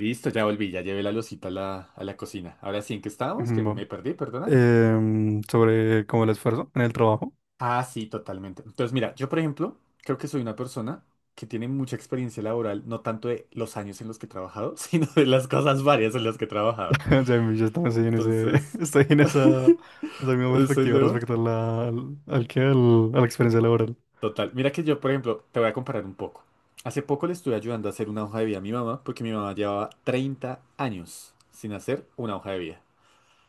Listo, ya volví, ya llevé la losita a la cocina. Ahora sí, ¿en qué estábamos? Que me Bueno, perdí, perdona. Sobre como el esfuerzo en el trabajo. Ah, sí, totalmente. Entonces, mira, yo por ejemplo, creo que soy una persona que tiene mucha experiencia laboral, no tanto de los años en los que he trabajado, sino de las cosas varias en las que he trabajado. O sea, yo también Entonces, estoy en esa misma ¿eso es perspectiva lo respecto a la, al, al que al- a la experiencia laboral. Total. Mira que yo, por ejemplo, te voy a comparar un poco. Hace poco le estuve ayudando a hacer una hoja de vida a mi mamá, porque mi mamá llevaba 30 años sin hacer una hoja de vida.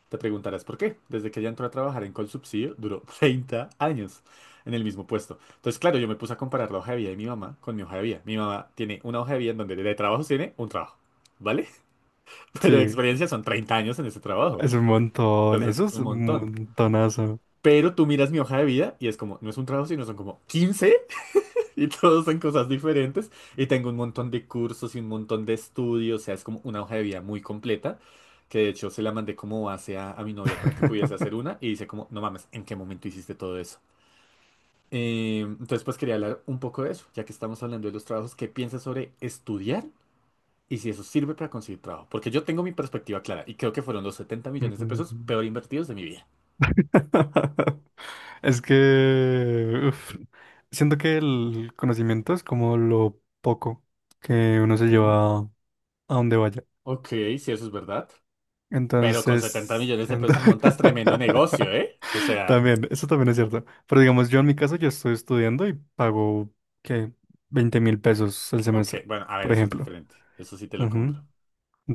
Te preguntarás por qué. Desde que ella entró a trabajar en Colsubsidio, duró 30 años en el mismo puesto. Entonces, claro, yo me puse a comparar la hoja de vida de mi mamá con mi hoja de vida. Mi mamá tiene una hoja de vida en donde de trabajo tiene un trabajo, ¿vale? Pero de Sí, experiencia son 30 años en ese trabajo. es un montón, Entonces, eso es es un un montón. montonazo. Pero tú miras mi hoja de vida y es como, no es un trabajo, sino son como 15 y todos son cosas diferentes. Y tengo un montón de cursos y un montón de estudios. O sea, es como una hoja de vida muy completa. Que de hecho se la mandé como base a mi novia para que pudiese hacer una. Y dice como, no mames, ¿en qué momento hiciste todo eso? Entonces pues quería hablar un poco de eso. Ya que estamos hablando de los trabajos, ¿qué piensas sobre estudiar? Y si eso sirve para conseguir trabajo. Porque yo tengo mi perspectiva clara. Y creo que fueron los 70 millones de pesos Mm. peor invertidos de mi vida. Es que uf, siento que el conocimiento es como lo poco que uno se Ujú. lleva a donde vaya. Ok, si eso es verdad. Pero con 70 Entonces, millones de pesos montas tremendo negocio, ¿eh? O sea. también, eso también es cierto. Pero digamos, yo en mi caso, yo estoy estudiando y pago, ¿qué? 20.000 pesos el Ok, semestre, bueno, a ver, por eso es ejemplo. diferente. Eso sí te lo Ujú. compro.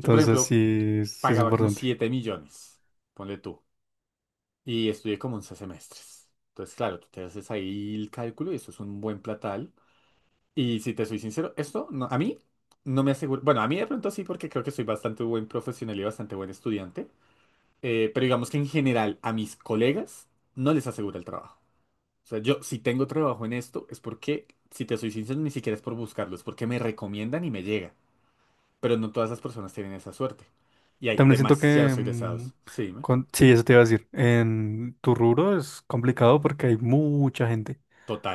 Yo, por ejemplo, sí, sí es pagaba como importante. 7 millones, ponle tú, y estudié como 11 semestres. Entonces, claro, tú te haces ahí el cálculo y eso es un buen platal. Y si te soy sincero, esto no, a mí no me aseguro. Bueno, a mí de pronto sí, porque creo que soy bastante buen profesional y bastante buen estudiante. Pero digamos que en general a mis colegas no les asegura el trabajo. O sea, yo si tengo trabajo en esto es porque, si te soy sincero, ni siquiera es por buscarlo, es porque me recomiendan y me llega. Pero no todas las personas tienen esa suerte. Y hay También siento que, demasiados egresados. Sí, dime. Sí, eso te iba a decir, en tu rubro es complicado porque hay mucha gente.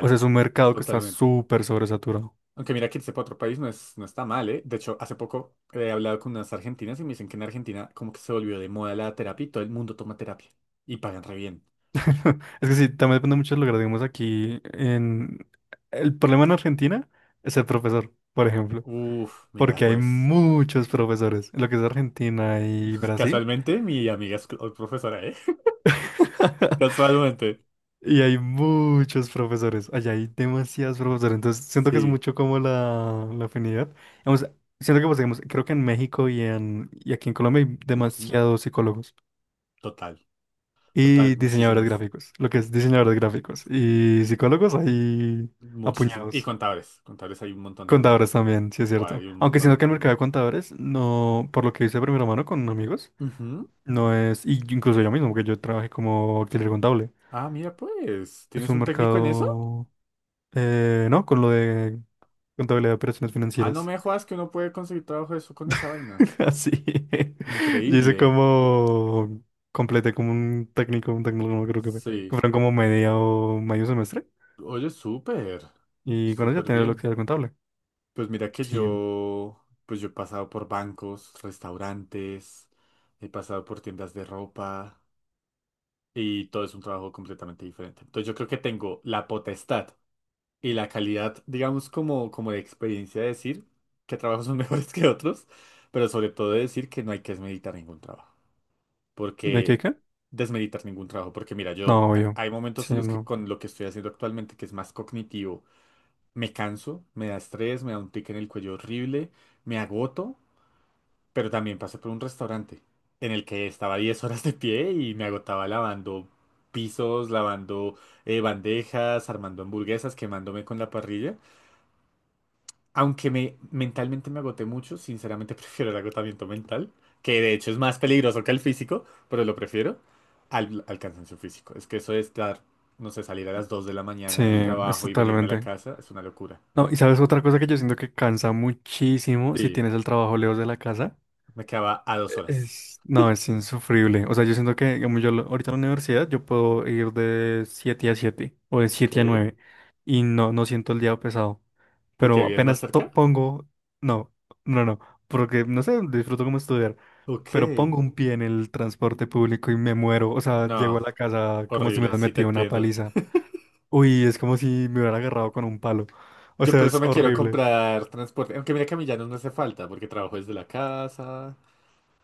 O sea, es un mercado que está Totalmente. súper sobresaturado. Aunque mira que irse para otro país no es, no está mal, ¿eh? De hecho, hace poco he hablado con unas argentinas y me dicen que en Argentina como que se volvió de moda la terapia y todo el mundo toma terapia. Y pagan re bien. Es que sí, también depende mucho de lo que hagamos aquí en. El problema en Argentina es el profesor, por ejemplo, Uf, mira, porque hay pues muchos profesores, en lo que es Argentina y Brasil, casualmente mi amiga es profesora, ¿eh? Casualmente. y hay muchos profesores, allá hay demasiados profesores, entonces siento que es Sí. mucho como la afinidad. Vamos, siento que, pues, digamos, creo que en México y aquí en Colombia hay Ujú. demasiados psicólogos Total. Total. y diseñadores Muchísimos. gráficos, lo que es diseñadores gráficos y psicólogos hay Muchísimos. Y apuñados. contadores. Contadores hay un montón también. Contadores también, sí es Buah, cierto. hay un Aunque siento montón. que el mercado de contadores, no, por lo que hice de primera mano con amigos, Ujú. no es, y incluso yo mismo, porque yo trabajé como auxiliar contable. Ah, mira pues, Es ¿tienes un un técnico en eso? mercado, ¿no? Con lo de contabilidad de operaciones Ah, no financieras. me jodas que uno puede conseguir trabajo de eso con esa vaina. Así. Yo hice Increíble. como, completé como un técnico, no creo que fue. Que Sí. fueron como media o medio semestre. Oye, súper. Y con eso ya Súper tenía el bien. auxiliar contable. Pues mira que Sí. yo, pues yo he pasado por bancos, restaurantes, he pasado por tiendas de ropa y todo es un trabajo completamente diferente. Entonces yo creo que tengo la potestad y la calidad, digamos, como de experiencia de decir que trabajos son mejores que otros, pero sobre todo de decir que no hay que meditar ningún trabajo. ¿De qué Porque qué? desmeritar ningún trabajo. Porque mira, yo No, obvio. hay momentos Sí, en los que no. con lo que estoy haciendo actualmente, que es más cognitivo, me canso, me da estrés, me da un tic en el cuello horrible, me agoto, pero también pasé por un restaurante en el que estaba 10 horas de pie y me agotaba lavando pisos, lavando bandejas, armando hamburguesas, quemándome con la parrilla. Aunque mentalmente me agoté mucho, sinceramente prefiero el agotamiento mental, que de hecho es más peligroso que el físico, pero lo prefiero al cansancio físico. Es que eso de estar, no sé, salir a las dos de la Sí, mañana del es trabajo y venirme a la totalmente. casa es una locura. No, y sabes otra cosa que yo siento que cansa muchísimo si Sí, tienes el trabajo lejos de la casa. me quedaba a dos E- horas. Es, no, es insufrible. O sea, yo siento que, como ahorita en la universidad, yo puedo ir de 7 a 7 o de Ok. siete a 9 y no siento el día pesado. ¿Por qué Pero vives más apenas cerca? pongo, no, no, no, porque no sé, disfruto como estudiar, Ok. pero pongo un pie en el transporte público y me muero. O sea, llego a No, la casa como si me horrible, hubieran sí te metido una entiendo. paliza. Uy, es como si me hubieran agarrado con un palo. O Yo por sea, eso es me quiero horrible. comprar transporte, aunque mira que a mí ya no me hace falta, porque trabajo desde la casa.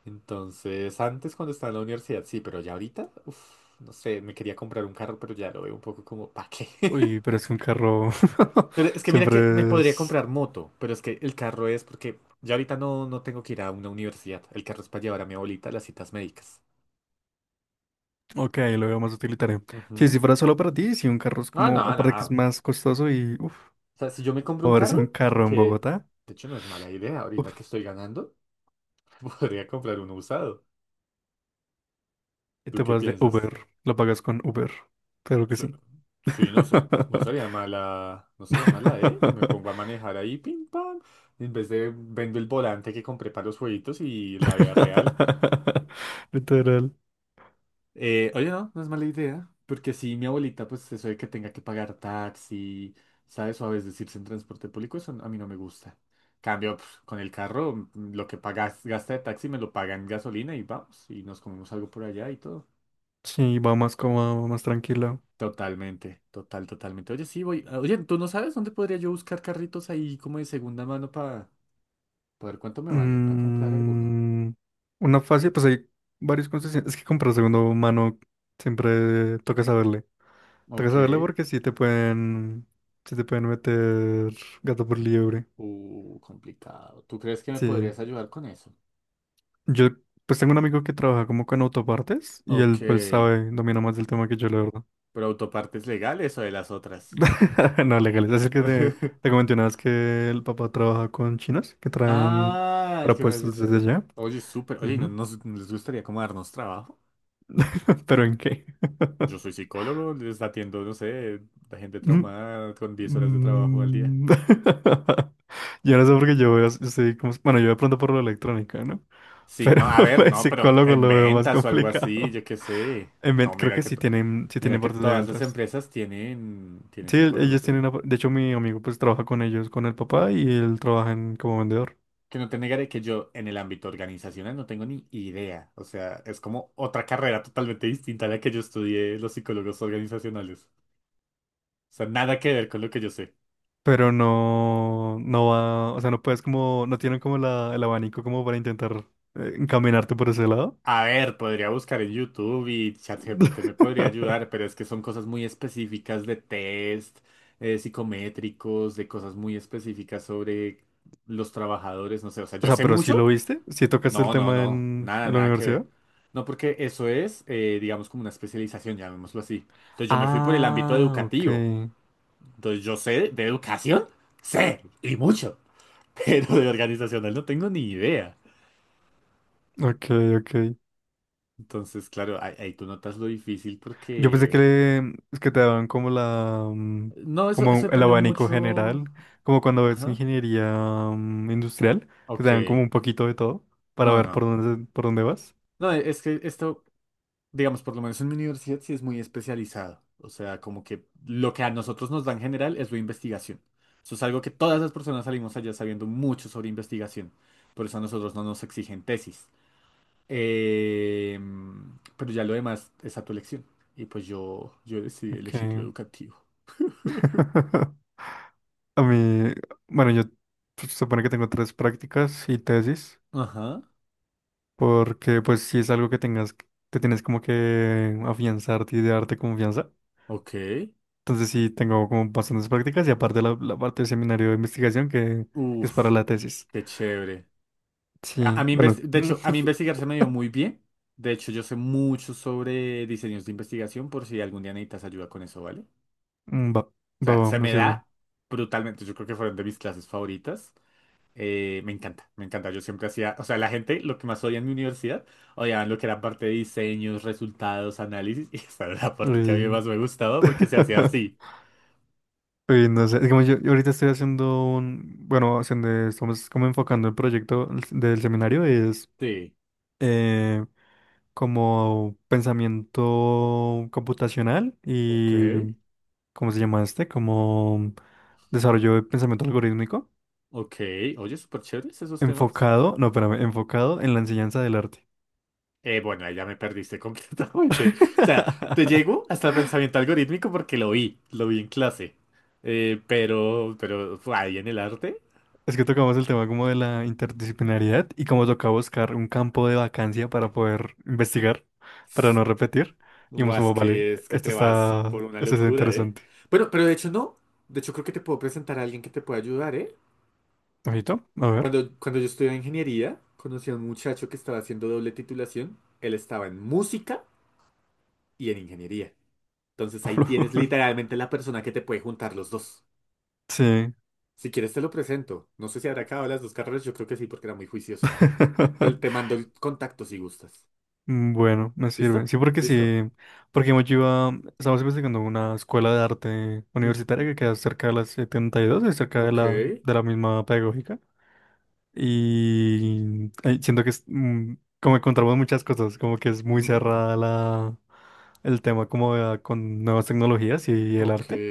Entonces, antes cuando estaba en la universidad, sí, pero ya ahorita, uff, no sé, me quería comprar un carro, pero ya lo veo un poco como, ¿para qué? Uy, pero es que un carro Pero es que mira que me siempre podría es. comprar moto, pero es que el carro es porque ya ahorita no, no tengo que ir a una universidad. El carro es para llevar a mi abuelita a las citas médicas. Ok, lo veo más utilitario. Sí, si Ujú. fuera solo para ti, si un carro es No, como, no, aparte que es no. más costoso y, uff, O sea, si yo me compro un moverse carro, en carro en que Bogotá, de hecho no es mala idea, ahorita que uff, estoy ganando, podría comprar uno usado. y ¿Tú te qué vas de piensas? Uber, lo pagas con Uber, claro que Sí, sí. sí, no sé, no sería mala, no sería mala, ¿eh? Me pongo a manejar ahí, pim pam, en vez de vendo el volante que compré para los jueguitos y la vida real. Literal. Oye, no, no es mala idea, porque si mi abuelita, pues eso de que tenga que pagar taxi, ¿sabes? O a veces irse en transporte público, eso a mí no me gusta. Cambio, pues, con el carro, lo que pagas, gasta de taxi me lo pagan en gasolina y vamos, y nos comemos algo por allá y todo. Sí, va más cómodo, más tranquilo. Totalmente, total, totalmente. Oye, sí, voy. Oye, ¿tú no sabes dónde podría yo buscar carritos ahí como de segunda mano para ver cuánto me valen, para comprar alguno? Mm, una fácil, pues hay varios concesionarios. Es que comprar segundo mano siempre toca saberle. Tengo que Ok. saberle porque sí te pueden meter gato por liebre. Complicado. ¿Tú crees que me Sí. podrías ayudar con eso? Yo pues tengo un amigo que trabaja como con autopartes y Ok. él pues sabe, domina más del tema que yo, la verdad. ¿Pero autopartes legales o de las otras? No, legales. Es el que te comenté una vez que el papá trabaja con chinos que traen Ah, el que me has repuestos dicho. desde allá. Oye, súper. Oye, ¿no Ujú. nos no les gustaría como darnos trabajo? ¿Pero en qué? Yo soy psicólogo, les atiendo, no sé, la gente traumada con 10 horas de trabajo al día. Mm. Yo no sé por qué yo veo, sí, como, bueno, yo de pronto por lo electrónica, ¿no? Sí, Pero no, a ver, el no, pero psicólogo en lo veo más ventas o algo así, complicado. yo qué sé. No, Creo mira que que, sí tienen, sí mira tienen que partes de todas las ventas. empresas tienen, Sí, ellos psicólogos, ¿eh? tienen, de hecho mi amigo pues trabaja con ellos, con el papá y él trabaja como vendedor. Que no te negaré que yo en el ámbito organizacional no tengo ni idea. O sea, es como otra carrera totalmente distinta a la que yo estudié los psicólogos organizacionales. O sea, nada que ver con lo que yo sé. Pero no, no va, o sea, no puedes como, no tienen como la, el abanico como para intentar encaminarte por ese lado. A ver, podría buscar en YouTube y ChatGPT me podría ayudar, pero es que son cosas muy específicas de test, psicométricos, de cosas muy específicas sobre los trabajadores, no sé, o sea, O yo sea, sé pero sí mucho. lo viste, sí tocaste el No, no, tema no, en, nada, en la nada que ver. universidad. No, porque eso es, digamos, como una especialización, llamémoslo así. Entonces yo me fui por el ámbito Ah, ok. educativo. Entonces yo sé de educación, sé, y mucho, pero de organizacional no tengo ni idea. Ok, ok. Entonces, claro, ahí tú notas lo difícil Yo pensé que, porque. Es que te daban No, eso, como eso el depende abanico mucho. general, como cuando ves Ajá. ingeniería industrial, que te Ok. dan como un poquito de todo para No, ver no. por dónde vas. No, es que esto, digamos, por lo menos en mi universidad sí es muy especializado. O sea, como que lo que a nosotros nos dan general es la investigación. Eso es algo que todas las personas salimos allá sabiendo mucho sobre investigación. Por eso a nosotros no nos exigen tesis. Eh, pero ya lo demás es a tu elección. Y pues yo decidí Ok. elegir lo educativo. A mí, bueno, yo se supone que tengo tres prácticas y tesis, Ajá. porque pues si es algo que tengas, que tienes como que afianzarte y darte confianza. Ok. Entonces sí, tengo como bastantes prácticas y aparte la parte del seminario de investigación que es Uf, para la tesis. qué chévere. A, a Sí, mí, bueno, de hecho, a mí investigar se me dio muy bien. De hecho, yo sé mucho sobre diseños de investigación por si algún día necesitas ayuda con eso, ¿vale? O va, va, sea, va, se me me sirve. da brutalmente. Yo creo que fueron de mis clases favoritas. Me encanta, me encanta. Yo siempre hacía, o sea, la gente, lo que más odia en mi universidad, odiaban lo que era parte de diseños, resultados, análisis. Y esa era la parte que a mí Y. más me gustaba porque se hacía así. y no sé, es como yo ahorita estoy haciendo un, bueno, haciendo, estamos como enfocando el proyecto del seminario, es Sí. eh, como pensamiento computacional Ok, y, ¿cómo se llama este? Como desarrollo de pensamiento algorítmico. ok. Oye, súper chéveres esos temas. Enfocado, no, espérame, enfocado en la enseñanza del arte. Bueno, ahí ya me perdiste completamente. O sea, te llego hasta el pensamiento algorítmico porque lo vi en clase. Pero, fue ahí en el arte, Es que tocamos el tema como de la interdisciplinariedad y como toca buscar un campo de vacancia para poder investigar, para no repetir. Y hemos más como, vale, que es que esto te vas por está, una esto está locura, ¿eh? interesante. Bueno, pero de hecho no. De hecho creo que te puedo presentar a alguien que te pueda ayudar, ¿eh? Ojito, a ver. Cuando yo estudiaba ingeniería, conocí a un muchacho que estaba haciendo doble titulación. Él estaba en música y en ingeniería. Entonces ahí tienes literalmente la persona que te puede juntar los dos. Sí. Si quieres te lo presento. No sé si habrá acabado las dos carreras, yo creo que sí, porque era muy juicioso. Te mando el contacto si gustas. Bueno, me sirve. ¿Listo? Listo. Sí, porque estamos investigando una escuela de arte Ujú. universitaria que queda cerca de las 72 y dos y cerca Ok. De la misma pedagógica. Y siento que es, como encontramos muchas cosas, como que es muy Ujú. cerrada la, el tema como con nuevas tecnologías y el Ok. arte.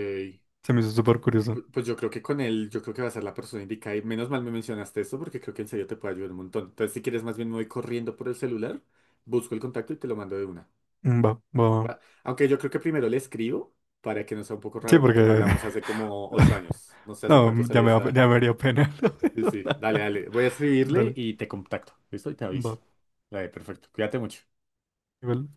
Se me hizo súper curioso. Pues yo creo que con él, yo creo que va a ser la persona indicada. Y menos mal me mencionaste esto porque creo que en serio te puede ayudar un montón. Entonces, si quieres, más bien me voy corriendo por el celular, busco el contacto y te lo mando de una. Mm, va, va, va. ¿Va? Aunque yo creo que primero le escribo para que no sea un poco Sí, raro porque no porque. hablamos hace como ocho años. No sé hace No, cuánto salí de esa. ya me haría pena. Sí, sí, dale, dale. Voy a escribirle Dale, y te contacto. ¿Listo? Y te aviso. va. Dale, perfecto. Cuídate mucho. Igual.